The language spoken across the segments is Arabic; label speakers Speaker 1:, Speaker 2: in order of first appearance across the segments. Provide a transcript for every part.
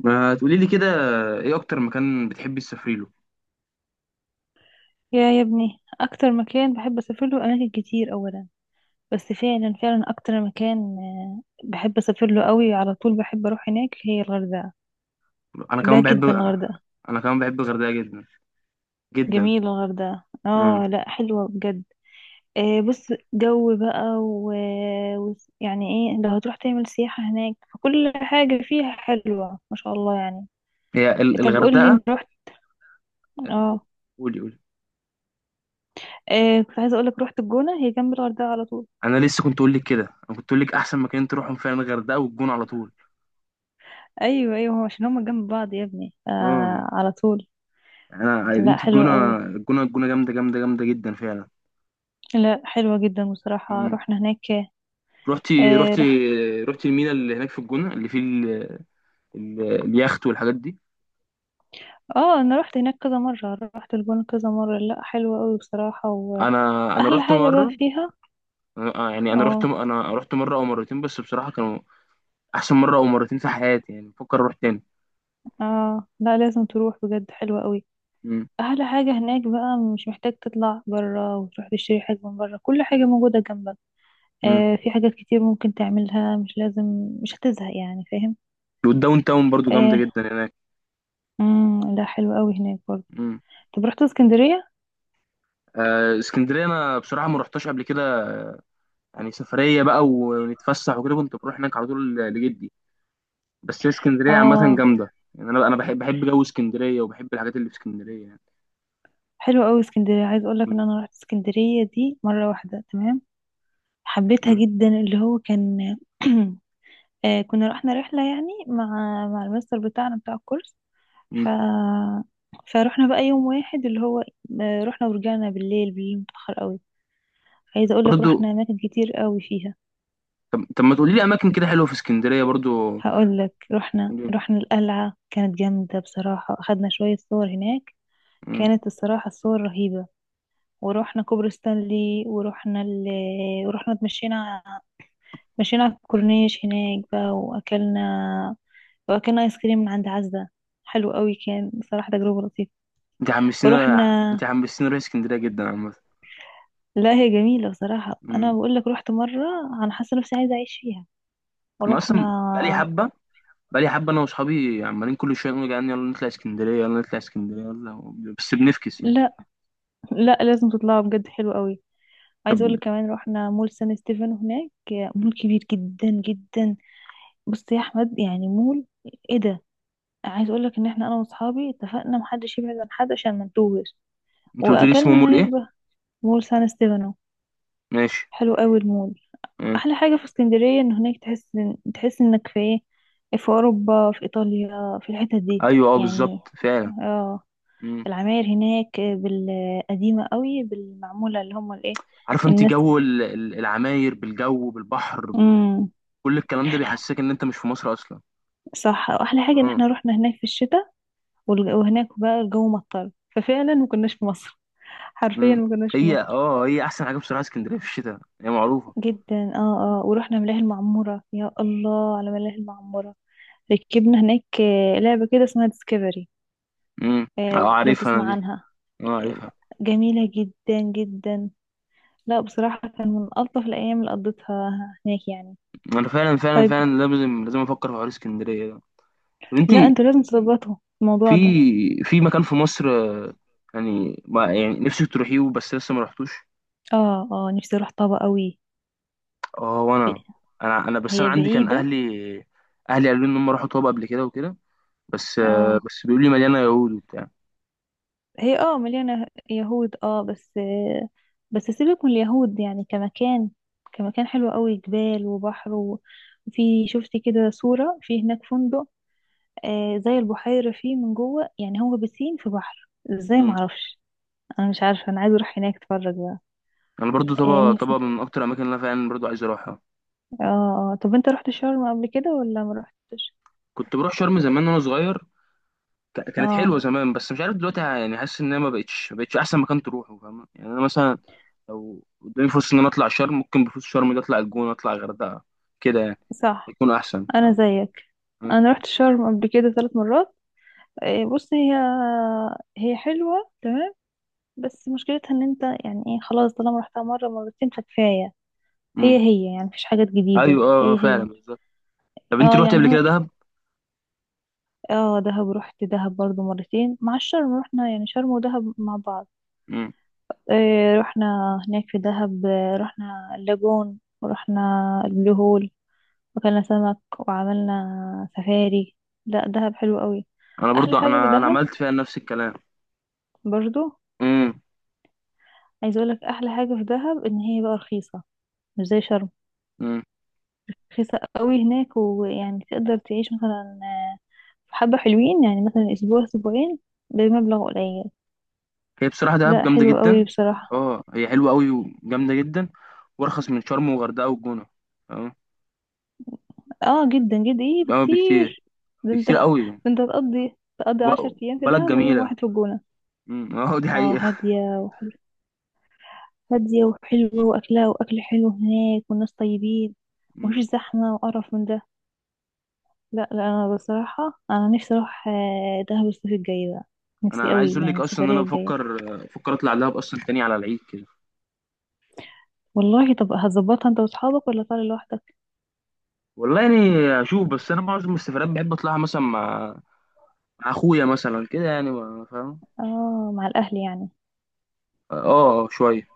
Speaker 1: ما تقولي لي كده، ايه اكتر مكان بتحبي تسافري له؟
Speaker 2: يا ابني اكتر مكان بحب اسافر له اماكن كتير اولا. بس فعلا اكتر مكان، بحب اسافر له قوي، على طول بحب اروح هناك، هي الغردقه.
Speaker 1: انا
Speaker 2: بحبها
Speaker 1: كمان بحب.
Speaker 2: جدا الغردقه.
Speaker 1: انا كمان بحب الغردقه جدا جدا.
Speaker 2: جميله الغردقه،
Speaker 1: امم
Speaker 2: اه لا حلوه بجد. بص، جو بقى و... يعني ايه، لو هتروح تعمل سياحه هناك فكل حاجه فيها حلوه ما شاء الله يعني.
Speaker 1: هي
Speaker 2: طب قول لي،
Speaker 1: الغردقه.
Speaker 2: انت رحت؟ اه.
Speaker 1: قولي قولي.
Speaker 2: كنت عايزه اقول لك، رحت الجونه، هي جنب الغردقه على طول.
Speaker 1: انا لسه كنت اقول لك كده. انا كنت اقول لك احسن مكان تروحهم فعلا الغردقه والجونه على طول.
Speaker 2: ايوه ايوه، عشان هما جنب بعض يا ابني،
Speaker 1: اه،
Speaker 2: على طول. لا
Speaker 1: انت
Speaker 2: حلوة
Speaker 1: الجونه
Speaker 2: قوي.
Speaker 1: الجونه الجونه جامده جامده جامده جدا فعلا.
Speaker 2: لا حلوة جدا بصراحة،
Speaker 1: مم.
Speaker 2: رحنا هناك.
Speaker 1: رحتي
Speaker 2: آه
Speaker 1: رحتي؟
Speaker 2: رح
Speaker 1: رحتي المينا اللي هناك في الجونه اللي فيه اليخت والحاجات دي؟
Speaker 2: اه انا رحت هناك كذا مرة، رحت الجونة كذا مرة، لا حلوة قوي بصراحة.
Speaker 1: انا انا
Speaker 2: واحلى
Speaker 1: رحت
Speaker 2: حاجة بقى
Speaker 1: مره.
Speaker 2: فيها،
Speaker 1: يعني انا رحت
Speaker 2: اه
Speaker 1: انا رحت مره او مرتين، بس بصراحه كانوا احسن مره او مرتين في حياتي، يعني بفكر اروح تاني.
Speaker 2: اه، لا لازم تروح بجد، حلوة قوي.
Speaker 1: امم
Speaker 2: احلى حاجة هناك بقى، مش محتاج تطلع برا وتروح تشتري حاجة من برا، كل حاجة موجودة جنبك.
Speaker 1: امم
Speaker 2: في حاجات كتير ممكن تعملها، مش لازم، مش هتزهق يعني، فاهم.
Speaker 1: والداون تاون برضو جامده
Speaker 2: آه،
Speaker 1: جدا هناك.
Speaker 2: مم لا حلوة قوي هناك برضه.
Speaker 1: امم
Speaker 2: طب رحت اسكندرية؟
Speaker 1: اسكندريه، انا بصراحه ما رحتش قبل كده، يعني سفريه بقى ونتفسح وكده كنت بروح هناك على طول لجدي. بس هي اسكندريه عامه
Speaker 2: اه.
Speaker 1: جامده، يعني انا بحب جو اسكندريه، وبحب الحاجات اللي في اسكندريه يعني.
Speaker 2: حلو قوي اسكندريه، عايز اقول لك
Speaker 1: مم.
Speaker 2: ان انا رحت اسكندريه دي مره واحده تمام. حبيتها
Speaker 1: مم.
Speaker 2: جدا، اللي هو كان كنا رحنا رحله يعني مع مع المستر بتاعنا بتاع الكورس.
Speaker 1: مم.
Speaker 2: ف فروحنا بقى يوم واحد، اللي هو رحنا ورجعنا بالليل، بالليل متاخر قوي. عايزه اقول لك
Speaker 1: برضو.
Speaker 2: رحنا اماكن كتير قوي فيها.
Speaker 1: طب ما تقولي لي اماكن كده حلوه في اسكندريه برضو.
Speaker 2: هقول لك، رحنا
Speaker 1: مم.
Speaker 2: رحنا القلعه، كانت جامده بصراحه، اخدنا شويه صور هناك. كانت الصراحه الصور رهيبه. ورحنا كوبري ستانلي، ورحنا اتمشينا، مشينا على الكورنيش هناك بقى، واكلنا، واكلنا ايس كريم من عند عزة. حلو قوي كان بصراحة، تجربة لطيفة.
Speaker 1: انت حمسين
Speaker 2: ورحنا،
Speaker 1: انت حمسين اروح اسكندريه جدا عامه.
Speaker 2: لا هي جميلة بصراحة، انا
Speaker 1: مم.
Speaker 2: بقول لك رحت مرة، انا حاسة نفسي عايزة اعيش فيها.
Speaker 1: انا اصلا بقالي
Speaker 2: ورحنا،
Speaker 1: حبه بقالي حبة أنا وأصحابي عمالين كل شوية نقول، يعني يلا نطلع اسكندرية يلا نطلع اسكندرية يلا، بس بنفكس يعني.
Speaker 2: لا لا لازم تطلعوا بجد، حلو قوي.
Speaker 1: طب
Speaker 2: عايزة اقول لك كمان، رحنا مول سان ستيفانو هناك، مول كبير جدا جدا. بص يا احمد، يعني مول، ايه ده. عايز اقول لك ان احنا، انا واصحابي اتفقنا محدش يبعد عن حد عشان ما نتوهش.
Speaker 1: أنت قلت لي اسمه
Speaker 2: واكلنا
Speaker 1: مول إيه؟
Speaker 2: هناك بقى، مول سان ستيفانو،
Speaker 1: ماشي.
Speaker 2: حلو قوي المول.
Speaker 1: آه.
Speaker 2: احلى حاجه في اسكندريه ان هناك تحس إن، تحس انك في ايه، في اوروبا، في ايطاليا، في الحتت دي
Speaker 1: أيوه، أه
Speaker 2: يعني.
Speaker 1: بالظبط فعلا.
Speaker 2: اه.
Speaker 1: مم.
Speaker 2: العماير هناك بالقديمه قوي، بالمعموله، اللي هم الايه،
Speaker 1: عارف أنت
Speaker 2: الناس.
Speaker 1: جو العماير، بالجو، بالبحر،
Speaker 2: امم،
Speaker 1: كل الكلام ده بيحسسك إن أنت مش في مصر أصلا.
Speaker 2: صح. واحلى حاجه ان
Speaker 1: مم.
Speaker 2: احنا رحنا هناك في الشتاء، وهناك بقى الجو مطر، ففعلا ما كناش في مصر. حرفيا
Speaker 1: مم.
Speaker 2: ما كناش في
Speaker 1: هي
Speaker 2: مصر.
Speaker 1: أه هي أحسن حاجة بصراحة، اسكندرية في الشتاء هي معروفة.
Speaker 2: جدا، اه اه. ورحنا ملاهي المعموره، يا الله على ملاهي المعموره. ركبنا هناك لعبه كده اسمها ديسكفري،
Speaker 1: مم. أه،
Speaker 2: لو
Speaker 1: عارفها أنا
Speaker 2: تسمع
Speaker 1: دي.
Speaker 2: عنها.
Speaker 1: أه
Speaker 2: آه،
Speaker 1: عارفها.
Speaker 2: جميلة جدا جدا. لا بصراحة كان من ألطف الأيام اللي قضيتها هناك يعني.
Speaker 1: أنا فعلا فعلا
Speaker 2: طيب،
Speaker 1: فعلا لازم لازم أفكر في حوار اسكندرية ده. طب أنت،
Speaker 2: لا انتوا لازم تظبطوا
Speaker 1: في
Speaker 2: الموضوع ده.
Speaker 1: في مكان في مصر، يعني ما يعني نفسك تروحيه بس لسه ما رحتوش؟
Speaker 2: اه اه، نفسي اروح طابة قوي.
Speaker 1: اه
Speaker 2: ب-
Speaker 1: وانا، انا بس انا
Speaker 2: هي
Speaker 1: عندي كان
Speaker 2: بعيدة.
Speaker 1: اهلي قالوا لي ان هم راحوا طابا قبل كده وكده، بس آه،
Speaker 2: اه
Speaker 1: بس بيقولوا لي مليانه يهود وبتاع.
Speaker 2: هي اه مليانة يهود اه بس، بس سيبك من اليهود يعني، كمكان، كمكان حلو قوي، جبال وبحر وفي شفت كده صورة في هناك فندق، آه زي البحيرة فيه من جوه يعني، هو بسين في بحر ازاي
Speaker 1: مم.
Speaker 2: معرفش. انا مش عارفه، انا عايزه اروح هناك اتفرج بقى.
Speaker 1: انا برضو
Speaker 2: إيه
Speaker 1: طابا
Speaker 2: نفسي.
Speaker 1: طابا من اكتر الاماكن اللي انا فعلا برضو عايز اروحها.
Speaker 2: اه آه. طب انت رحت شرم قبل كده ولا ما رحتش؟
Speaker 1: كنت بروح شرم زمان وانا صغير. كانت
Speaker 2: اه،
Speaker 1: حلوه زمان، بس مش عارف دلوقتي، يعني حاسس ان هي ما بقتش احسن مكان تروحه، فاهم؟ يعني انا مثلا لو قدامي فرصه ان انا اطلع شرم، ممكن بفوت شرم ده اطلع الجونه اطلع الغردقه كده يعني،
Speaker 2: صح.
Speaker 1: يكون احسن
Speaker 2: انا
Speaker 1: فاهم.
Speaker 2: زيك.
Speaker 1: مم.
Speaker 2: انا رحت شرم قبل كده 3 مرات. إيه بص، هي حلوه تمام، بس مشكلتها ان انت يعني ايه، خلاص طالما رحتها مره مرتين فكفايه.
Speaker 1: مم.
Speaker 2: هي يعني مفيش حاجات جديده،
Speaker 1: ايوه، اه،
Speaker 2: هي
Speaker 1: فعلا
Speaker 2: هي
Speaker 1: بالظبط. طب انت
Speaker 2: اه
Speaker 1: روحت
Speaker 2: يعني
Speaker 1: قبل
Speaker 2: هو،
Speaker 1: كده دهب؟
Speaker 2: اه دهب، رحت دهب برضو مرتين مع الشرم، رحنا يعني شرم ودهب مع بعض.
Speaker 1: مم.
Speaker 2: رحنا هناك في دهب، رحنا اللاجون، ورحنا البلو هول، وكلنا سمك، وعملنا سفاري. لا دهب حلو قوي.
Speaker 1: انا
Speaker 2: احلى
Speaker 1: برضو
Speaker 2: حاجة في
Speaker 1: انا
Speaker 2: دهب
Speaker 1: عملت فيها نفس الكلام.
Speaker 2: برضو،
Speaker 1: مم.
Speaker 2: عايز اقولك احلى حاجة في دهب ان هي بقى رخيصة، مش زي شرم.
Speaker 1: مم.
Speaker 2: رخيصة قوي هناك، ويعني تقدر تعيش مثلا آه، حبة حلوين يعني، مثلا اسبوع اسبوعين بمبلغ قليل.
Speaker 1: هي بصراحه دهب
Speaker 2: لا
Speaker 1: جامده
Speaker 2: حلو قوي
Speaker 1: جدا.
Speaker 2: بصراحة.
Speaker 1: اه هي حلوه قوي وجامده جدا، وارخص من شرم وغردقه والجونه. اه.
Speaker 2: اه جدا جدا، ايه
Speaker 1: بقى بكتير.
Speaker 2: بكتير. ده انت
Speaker 1: بكتير
Speaker 2: ده
Speaker 1: قوي.
Speaker 2: انت تقضي عشر ايام في
Speaker 1: وبلد
Speaker 2: دهب ويوم
Speaker 1: جميله.
Speaker 2: واحد في الجونة.
Speaker 1: مم. اه دي
Speaker 2: اه
Speaker 1: حقيقه.
Speaker 2: هادية وحلوة. هادية وحلوة، وأكلها، وأكل حلو هناك، والناس طيبين،
Speaker 1: مم.
Speaker 2: ومفيش زحمة وقرف من ده. لا لا، أنا بصراحة أنا نفسي أروح دهب الصيف الجاي بقى،
Speaker 1: انا
Speaker 2: نفسي
Speaker 1: انا عايز
Speaker 2: قوي
Speaker 1: اقول
Speaker 2: يعني
Speaker 1: لك اصلا ان انا
Speaker 2: السفرية الجاية.
Speaker 1: بفكر اطلع دهب اصلا تاني على العيد كده.
Speaker 2: والله طب هتظبطها أنت وأصحابك ولا طالع لوحدك؟
Speaker 1: والله يعني اشوف، بس انا معظم السفرات بحب اطلعها مثلا مع اخويا مثلا كده، يعني فاهم.
Speaker 2: اه، مع الأهل يعني.
Speaker 1: اه، شويه.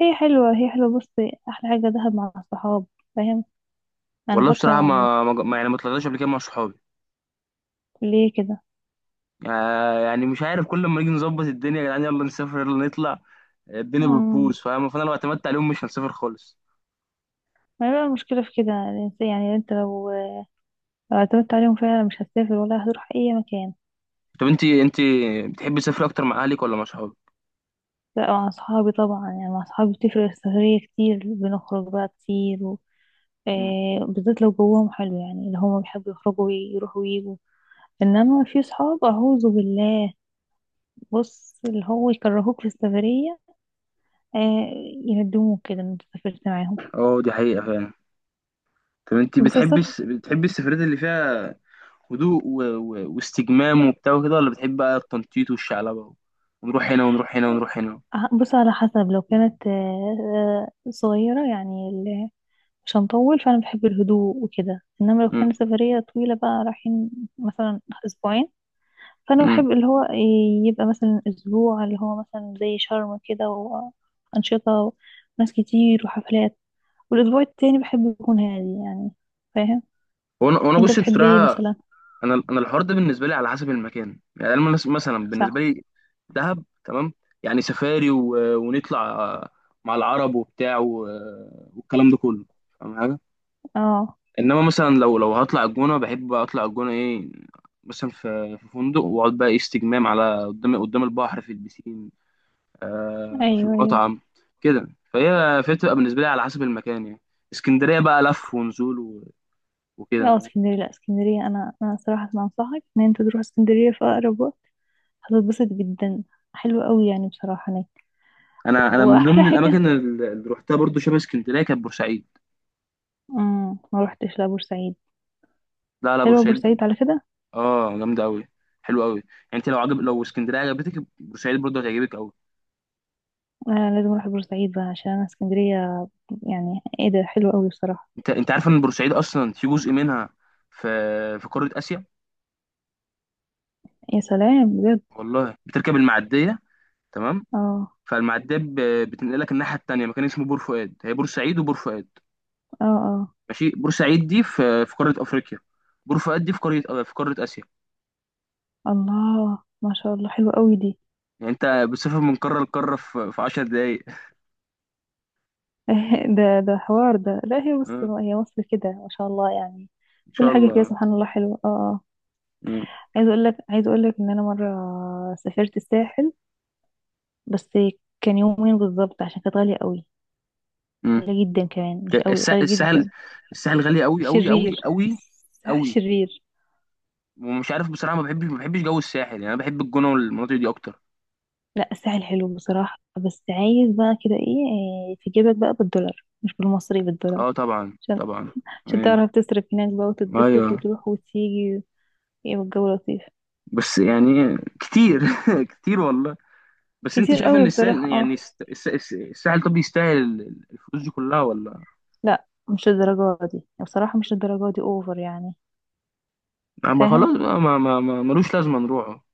Speaker 2: هي حلوة، هي حلوة بص، أحلى حاجة دهب مع الصحاب، فاهم. أنا
Speaker 1: والله بصراحه
Speaker 2: فاكرة
Speaker 1: يعني ما طلعتش قبل كده مع صحابي،
Speaker 2: ليه كده.
Speaker 1: يعني مش عارف، كل ما نيجي نظبط الدنيا يا جدعان يلا نسافر يلا نطلع، الدنيا
Speaker 2: امم،
Speaker 1: بتبوظ فاهم، فانا لو اعتمدت عليهم مش هنسافر خالص.
Speaker 2: ما هي بقى المشكلة في كده الإنسان، يعني أنت لو، لو اعتمدت عليهم فعلا مش هتسافر ولا هتروح أي مكان.
Speaker 1: طب انت بتحبي تسافري اكتر مع اهلك ولا مع صحابك؟
Speaker 2: لا مع أصحابي طبعا يعني، مع أصحابي بتفرق السفرية كتير، بنخرج بقى كتير و...
Speaker 1: مم.
Speaker 2: بالذات لو جوهم حلو يعني، اللي هما بيحبوا يخرجوا ويروحوا ويجوا. إنما في صحاب أعوذ بالله، بص اللي هو يكرهوك في السفرية، آه، يندموك كده إن أنت سافرت معاهم.
Speaker 1: اه دي حقيقه فعلا. طب انت
Speaker 2: بس
Speaker 1: بتحبي
Speaker 2: السفر،
Speaker 1: السفرات اللي فيها هدوء واستجمام وبتاع وكده، ولا بتحبي بقى التنطيط والشعلبه، ونروح هنا ونروح هنا ونروح هنا؟
Speaker 2: بص على حسب، لو كانت آه، صغيرة يعني، مش هنطول فأنا بحب الهدوء وكده. إنما لو كانت
Speaker 1: مم.
Speaker 2: سفرية طويلة بقى، رايحين مثلا أسبوعين، فانا بحب
Speaker 1: مم.
Speaker 2: اللي هو إيه، يبقى مثلا اسبوع، اللي هو مثلا زي شرم كده، وانشطه وناس كتير وحفلات. والاسبوع التاني بحب يكون هادي يعني، فاهم.
Speaker 1: وانا
Speaker 2: انت
Speaker 1: بص
Speaker 2: بتحب ايه
Speaker 1: بصراحه.
Speaker 2: مثلا؟
Speaker 1: انا الحوار ده بالنسبه لي على حسب المكان، يعني انا مثلا بالنسبه
Speaker 2: صح.
Speaker 1: لي دهب تمام، يعني سفاري ونطلع مع العرب وبتاع والكلام ده كله، فاهم حاجه؟
Speaker 2: اه.
Speaker 1: انما مثلا لو هطلع الجونه، بحب بقى اطلع الجونه ايه، مثلا في فندق واقعد بقى إيه استجمام على قدام البحر في البسين، في
Speaker 2: ايوه ايوه.
Speaker 1: المطعم كده، فهي بتبقى بالنسبه لي على حسب المكان يعني. اسكندريه بقى لف ونزول
Speaker 2: اه
Speaker 1: وكده.
Speaker 2: اسكندريه، لا اسكندريه، انا انا صراحه ما انصحك ان انت تروح اسكندريه في اقرب وقت، هتتبسط جدا. حلوه قوي يعني بصراحه هناك.
Speaker 1: انا من
Speaker 2: واحلى
Speaker 1: ضمن
Speaker 2: حاجه،
Speaker 1: الاماكن اللي روحتها برضو شبه اسكندريه كانت بورسعيد.
Speaker 2: امم. ما روحتش لبورسعيد.
Speaker 1: لا لا،
Speaker 2: حلوه
Speaker 1: بورسعيد.
Speaker 2: بورسعيد على كده.
Speaker 1: اه جامده قوي، حلو قوي يعني. انت لو اسكندريه عجبتك، بورسعيد برضو هتعجبك قوي.
Speaker 2: انا لازم اروح بورسعيد بقى، عشان انا اسكندريه يعني ايه ده، حلو قوي بصراحه.
Speaker 1: انت عارف ان بورسعيد اصلا في جزء منها، في في قاره اسيا.
Speaker 2: يا سلام بجد.
Speaker 1: والله بتركب المعديه. تمام.
Speaker 2: اه
Speaker 1: فالمعديه بتنقلك الناحيه التانيه، مكان اسمه بور فؤاد. هي بورسعيد وبور فؤاد
Speaker 2: اه اه.
Speaker 1: ماشي، بورسعيد دي في قاره افريقيا، بور فؤاد دي في قاره اسيا
Speaker 2: الله ما شاء الله حلو قوي دي.
Speaker 1: يعني انت بتسافر من قاره لقاره في 10 دقائق
Speaker 2: ده ده حوار ده، لا هي بص هي مصر كده ما شاء الله يعني،
Speaker 1: ان
Speaker 2: كل
Speaker 1: شاء
Speaker 2: حاجه فيها
Speaker 1: الله.
Speaker 2: سبحان الله حلوه. اه اه. عايز اقول لك ان انا مره سافرت الساحل، بس كان يومين بالظبط عشان كانت غاليه قوي.
Speaker 1: مم.
Speaker 2: غاليه جدا، كمان مش قوي غاليه جدا.
Speaker 1: الساحل، الساحل غالي قوي قوي قوي
Speaker 2: شرير.
Speaker 1: قوي
Speaker 2: الساحل
Speaker 1: قوي،
Speaker 2: شرير.
Speaker 1: ومش عارف بصراحه ما بحبش جو الساحل، يعني انا بحب الجونه والمناطق دي اكتر.
Speaker 2: لا الساحل حلو بصراحة، بس عايز بقى كده ايه، إيه، في جيبك بقى بالدولار مش بالمصري، بالدولار،
Speaker 1: اه طبعا
Speaker 2: عشان
Speaker 1: طبعا. ايوه
Speaker 2: تعرف تصرف هناك بقى،
Speaker 1: ايوه.
Speaker 2: وتتبسط وتروح وتيجي. ايه، والجو لطيف.
Speaker 1: بس يعني كتير. كتير والله. بس انت
Speaker 2: كتير
Speaker 1: شايف ان
Speaker 2: قوي
Speaker 1: الساحل،
Speaker 2: بصراحة
Speaker 1: يعني
Speaker 2: اه.
Speaker 1: الساحل طب يستاهل الفلوس دي كلها ولا؟
Speaker 2: لا مش الدرجة دي بصراحة، مش الدرجة دي، اوفر يعني،
Speaker 1: ما
Speaker 2: فاهم.
Speaker 1: خلاص بقى، ما ما ما ملوش لازمه نروحه.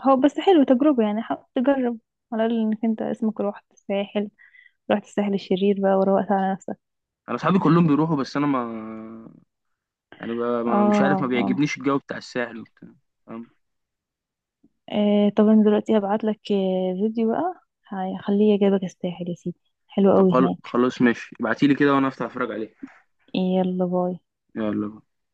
Speaker 2: هو بس حلو تجربة يعني، حاول تجرب، على الأقل انك انت اسمك روحت الساحل، روحت الساحل الشرير بقى، وروقت على نفسك.
Speaker 1: انا اصحابي كلهم بيروحوا، بس انا ما يعني ب-
Speaker 2: اه
Speaker 1: ما مش عارف، ما
Speaker 2: آه.
Speaker 1: بيعجبنيش الجو بتاع الساحل وبتاع.
Speaker 2: آه طب انا دلوقتي هبعت لك فيديو بقى، هخليه يجيبك الساحل يا سيدي، حلو
Speaker 1: طب
Speaker 2: قوي هناك.
Speaker 1: خلاص ماشي، ابعتيلي كده وانا افتح اتفرج عليه.
Speaker 2: يلا باي.
Speaker 1: يلا.